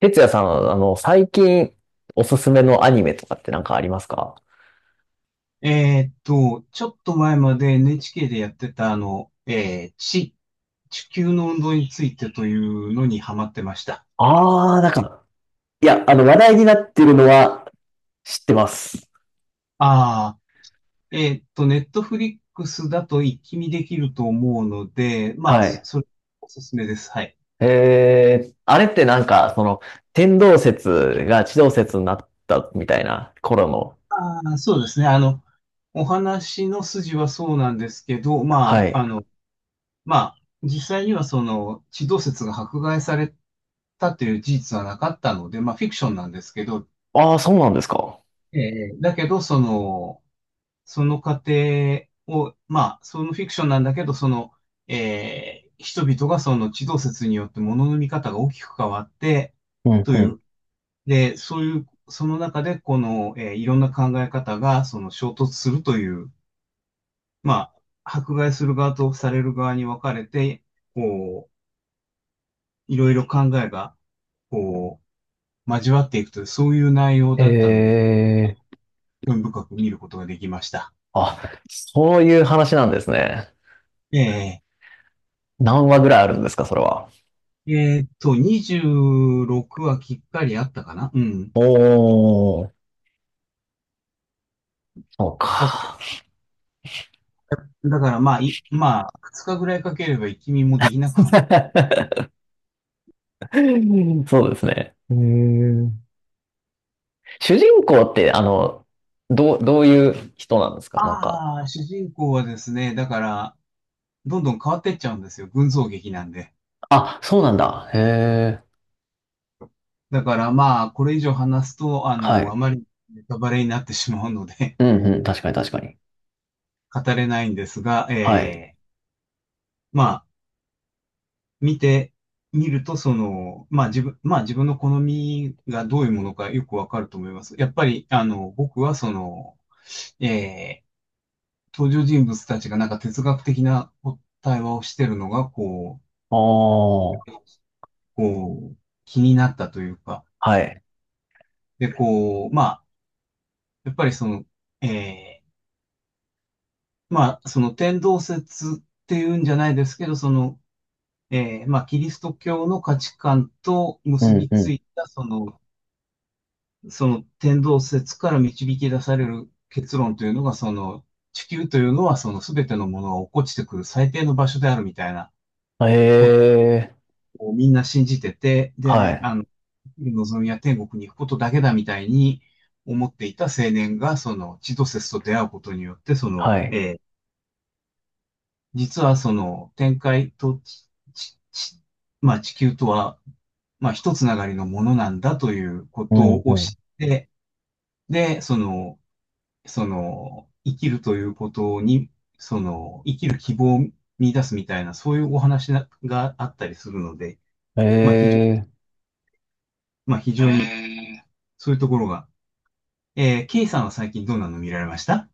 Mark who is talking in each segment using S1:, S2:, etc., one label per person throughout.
S1: 哲也さん、最近おすすめのアニメとかってなんかありますか？
S2: ちょっと前まで NHK でやってた地球の運動についてというのにハマってました。
S1: ああー、なんか、いや、話題になってるのは知ってます。
S2: ああ、ネットフリックスだと一気見できると思うので、まあ、
S1: は
S2: そ
S1: い。
S2: それおすすめです。はい。
S1: あれってなんか、天動説が地動説になったみたいな頃の。
S2: ああ、そうですね。お話の筋はそうなんですけど、
S1: は
S2: まあ、
S1: い。
S2: まあ、実際にはその、地動説が迫害されたという事実はなかったので、まあ、フィクションなんですけど、
S1: ああ、そうなんですか。
S2: だけど、その過程を、まあ、そのフィクションなんだけど、その、人々がその地動説によって物の見方が大きく変わって、
S1: うん
S2: とい
S1: う
S2: う、で、そういう、その中で、この、いろんな考え方が、その衝突するという、まあ、迫害する側とされる側に分かれて、こう、いろいろ考えが、こう、交わっていくという、そういう内容
S1: ん。
S2: だったので、興味深く見ることができました。
S1: あ、そういう話なんですね。
S2: ええ
S1: 何話ぐらいあるんですか、それは？
S2: 26はきっかりあったかな。うん。
S1: おー。そう
S2: だか
S1: か。
S2: だからまあ、まあ、2日ぐらいかければ一気もできなくはない。
S1: うんそうですね。ん主人公って、どういう人なんですかなんか。
S2: ああ、主人公はですね、だから、どんどん変わってっちゃうんですよ。群像劇なんで。
S1: あ、そうなんだ。へえ。
S2: だからまあ、これ以上話すと、
S1: は
S2: あ
S1: い。
S2: まりネタバレになってしまうので
S1: うんうん。確かに確かに。
S2: 語れないんですが、
S1: はい。
S2: えま見てみると、その、まあ自分の好みがどういうものかよくわかると思います。やっぱり、僕はその、えー登場人物たちがなんか哲学的な対話をしてるのが、
S1: あ
S2: う、
S1: あ。
S2: こう、気になったというか、
S1: はい。
S2: で、こう、まあ、やっぱりその、えーまあ、その天動説っていうんじゃないですけど、その、まあ、キリスト教の価値観と
S1: う
S2: 結
S1: ん
S2: びつ
S1: う
S2: いた、その、天動説から導き出される結論というのが、その地球というのはその全てのものが落っこちてくる最低の場所であるみたいな
S1: ん。へ
S2: こと
S1: え。
S2: をみんな信じてて、
S1: は
S2: で、
S1: い。
S2: 望みは天国に行くことだけだみたいに思っていた青年が、その地動説と出会うことによって、そ
S1: は
S2: の、
S1: い。
S2: 実はその天界とちちちまあ、地球とは、まあ、一つながりのものなんだというこ
S1: う
S2: と
S1: ん
S2: を知
S1: う
S2: って、で、その、生きるということに、その、生きる希望を見出すみたいな、そういうお話ながあったりするので、
S1: ん。へ
S2: まあ、非常、
S1: え。
S2: まあ、非常に、そういうところが。K さんは最近どんなの見られました？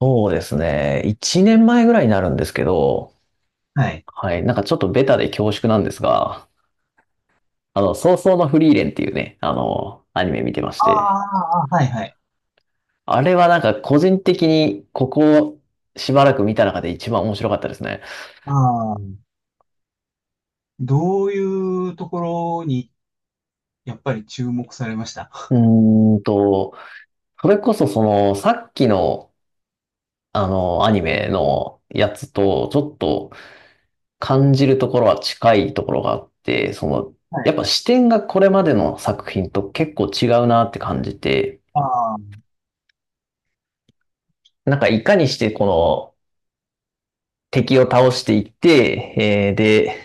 S1: そうですね。1年前ぐらいになるんですけど、
S2: はい。
S1: はい。なんかちょっとベタで恐縮なんですが、早々のフリーレンっていうね、アニメ見てまし
S2: あ
S1: て。
S2: あ、はいはい。
S1: あれはなんか個人的にここをしばらく見た中で一番面白かったですね。
S2: ああ、どういうところに、やっぱり注目されました？
S1: うーんと、それこそそのさっきのあのアニメのやつとちょっと感じるところは近いところがあって、
S2: は
S1: やっ
S2: い。
S1: ぱ視点がこれまでの作品と結構違うなって感じて、
S2: ああ、
S1: なんかいかにしてこの敵を倒していって、で、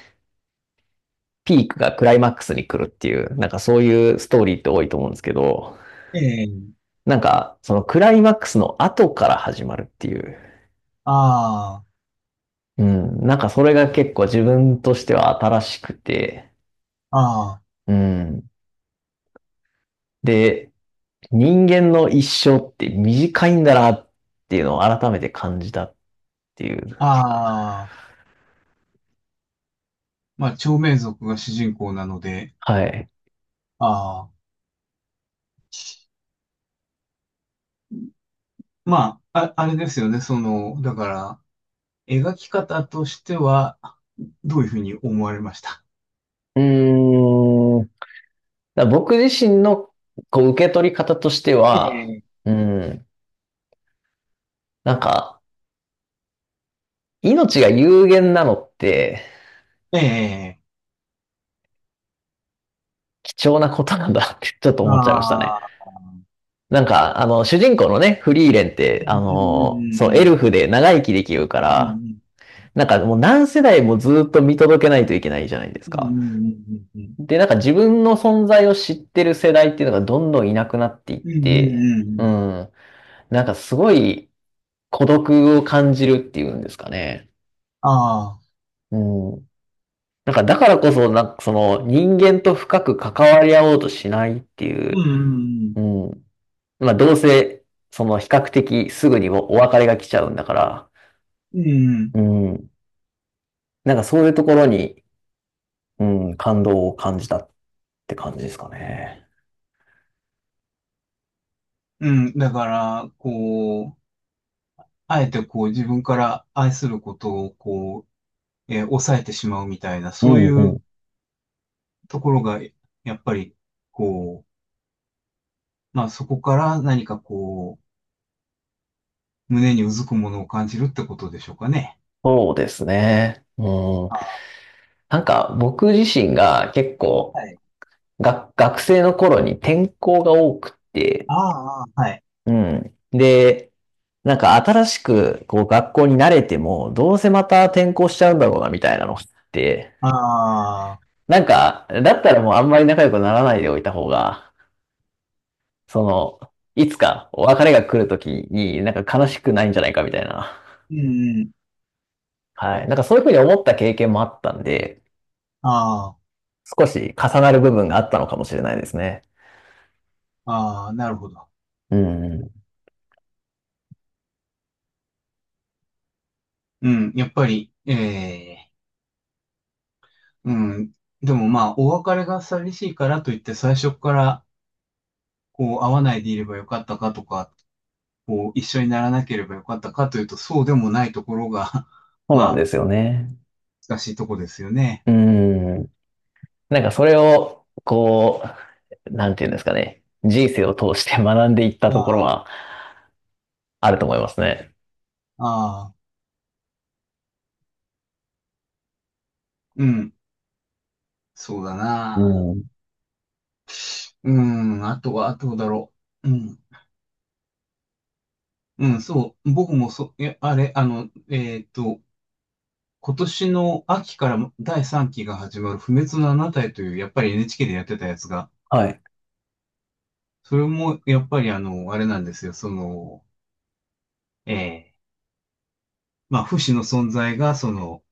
S1: ピークがクライマックスに来るっていう、なんかそういうストーリーって多いと思うんですけど、
S2: ええ、
S1: なんか、そのクライマックスの後から始まるっていう。
S2: あ
S1: うん。なんかそれが結構自分としては新しくて。
S2: あ、ああ、
S1: うん。で、人間の一生って短いんだなっていうのを改めて感じたっていう。
S2: ああ、まあ、長命族が主人公なので、
S1: はい。
S2: ああ。まあ、あれですよね。その、だから、描き方としては、どういうふうに思われました？
S1: うーん。僕自身のこう受け取り方として
S2: え
S1: は、
S2: え。
S1: うん。なんか、命が有限なのって
S2: ええ、
S1: 貴重なことなんだってちょっと思っちゃいましたね。
S2: ああ、
S1: なんか、主人公のね、フリーレンっ
S2: う
S1: て、
S2: んう
S1: そう、エルフ
S2: ん
S1: で長生きできるか
S2: う
S1: ら、
S2: ん
S1: なんかもう何世代もずっと見届けないといけないじゃないです
S2: うん。
S1: か。
S2: ん、うん、うん、うん、
S1: で、なんか自分の存在を知ってる世代っていうのがどんどんいなくなっていっ
S2: うん、うん、うん、
S1: て、
S2: うん、う
S1: う
S2: ん、
S1: ん、なんかすごい孤独を感じるっていうんですかね。
S2: ああ、
S1: うん。なんかだからこそ、なんかその人間と深く関わり合おうとしないってい
S2: う
S1: う、
S2: ん、
S1: うん。まあどうせ、その比較的すぐにお別れが来ちゃうんだから、
S2: うん、
S1: うん。なんかそういうところに、うん、感動を感じたって感じですかね。
S2: うん、うん、だから、こう、あえてこう自分から愛することをこう、抑えてしまうみたいな、
S1: う
S2: そうい
S1: ん、う
S2: う
S1: ん。
S2: ところが、やっぱり、こう、まあそこから何かこう、胸にうずくものを感じるってことでしょうかね。
S1: そうですね。うん。
S2: ああ、
S1: なんか僕自身が結構
S2: はい。
S1: 学生の頃に転校が多くって、
S2: ああ、はい。
S1: うん。で、なんか新しくこう学校に慣れても、どうせまた転校しちゃうんだろうなみたいなのって、
S2: ああ、
S1: なんか、だったらもうあんまり仲良くならないでおいた方が、その、いつかお別れが来るときになんか悲しくないんじゃないかみたいな。
S2: うんうん。
S1: はい。なんかそういうふうに思った経験もあったんで、
S2: あ
S1: 少し重なる部分があったのかもしれないですね。
S2: あ、ああ、なるほど。
S1: うん。
S2: うん、やっぱり、ええ、うん。でもまあ、お別れが寂しいからといって、最初から、こう、会わないでいればよかったかとか、こう、一緒にならなければよかったかというと、そうでもないところが
S1: そう
S2: ま
S1: なんで
S2: あ、
S1: すよね。
S2: 難しいとこですよね。
S1: うん。なんかそれを、こう、なんていうんですかね。人生を通して学んでいったところ
S2: あ
S1: はあると思いますね。
S2: あ、ああ、うん、そうだ
S1: う
S2: な。
S1: ん。
S2: うん、あとは、あとだろう。うん。うん、そう。僕もあれ、今年の秋から第3期が始まる不滅のあなたへという、やっぱり NHK でやってたやつが、
S1: はい。
S2: それも、やっぱりあれなんですよ。その、ええまあ、不死の存在が、その、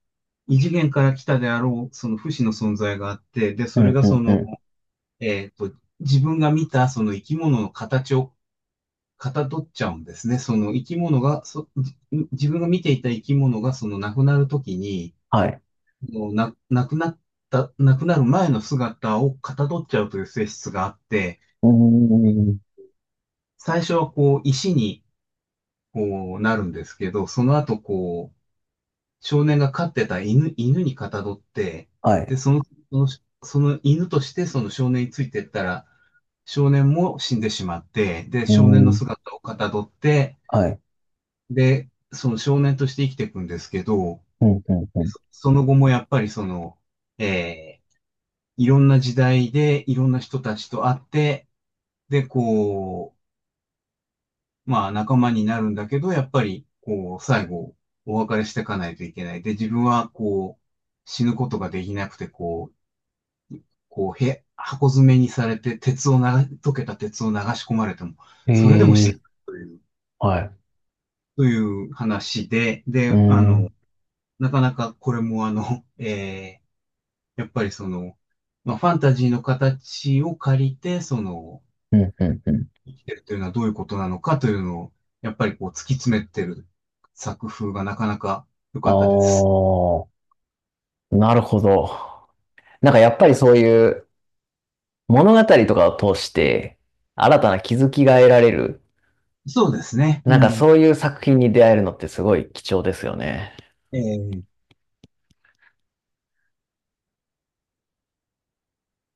S2: 異次元から来たであろう、その不死の存在があって、で、
S1: う
S2: そ
S1: ん、
S2: れが
S1: う
S2: そ
S1: ん、う
S2: の、
S1: ん。
S2: えーっと、自分が見た、その生き物の形をかたどっちゃうんですね。その生き物が、自分が見ていた生き物がその亡くなるときに、
S1: はい。
S2: もうな、亡くなった、亡くなる前の姿をかたどっちゃうという性質があって、
S1: うん。
S2: 最初はこう石にこうなるんですけど、その後こう少年が飼ってた犬にかたどって、
S1: はい。
S2: で、その、その犬としてその少年についてったら、少年も死んでしまって、で、
S1: う
S2: 少年の
S1: ん。
S2: 姿をかたどって、
S1: はい。
S2: で、その少年として生きていくんですけど、
S1: うん、うん、う
S2: その後もやっぱりその、えーいろんな時代でいろんな人たちと会って、で、こう、まあ仲間になるんだけど、やっぱり、こう、最後、お別れしていかないといけない。で、自分は、こう、死ぬことができなくて、こう、箱詰めにされて、鉄をな、溶けた鉄を流し込まれても、
S1: ん。
S2: それでも死ぬという、
S1: はい。
S2: という話で、
S1: う
S2: で、
S1: ん。
S2: なかなかこれもーやっぱりその、まあ、ファンタジーの形を借りて、その、
S1: うん、うん、うん。
S2: 生きてるというのはどういうことなのかというのを、やっぱりこう突き詰めてる作風がなかなか良か
S1: あ
S2: ったです。
S1: あ、なるほど。なんかやっぱりそういう物語とかを通して新たな気づきが得られる、
S2: そうですね。う
S1: なんか
S2: ん。
S1: そういう作品に出会えるのってすごい貴重ですよね。
S2: ええ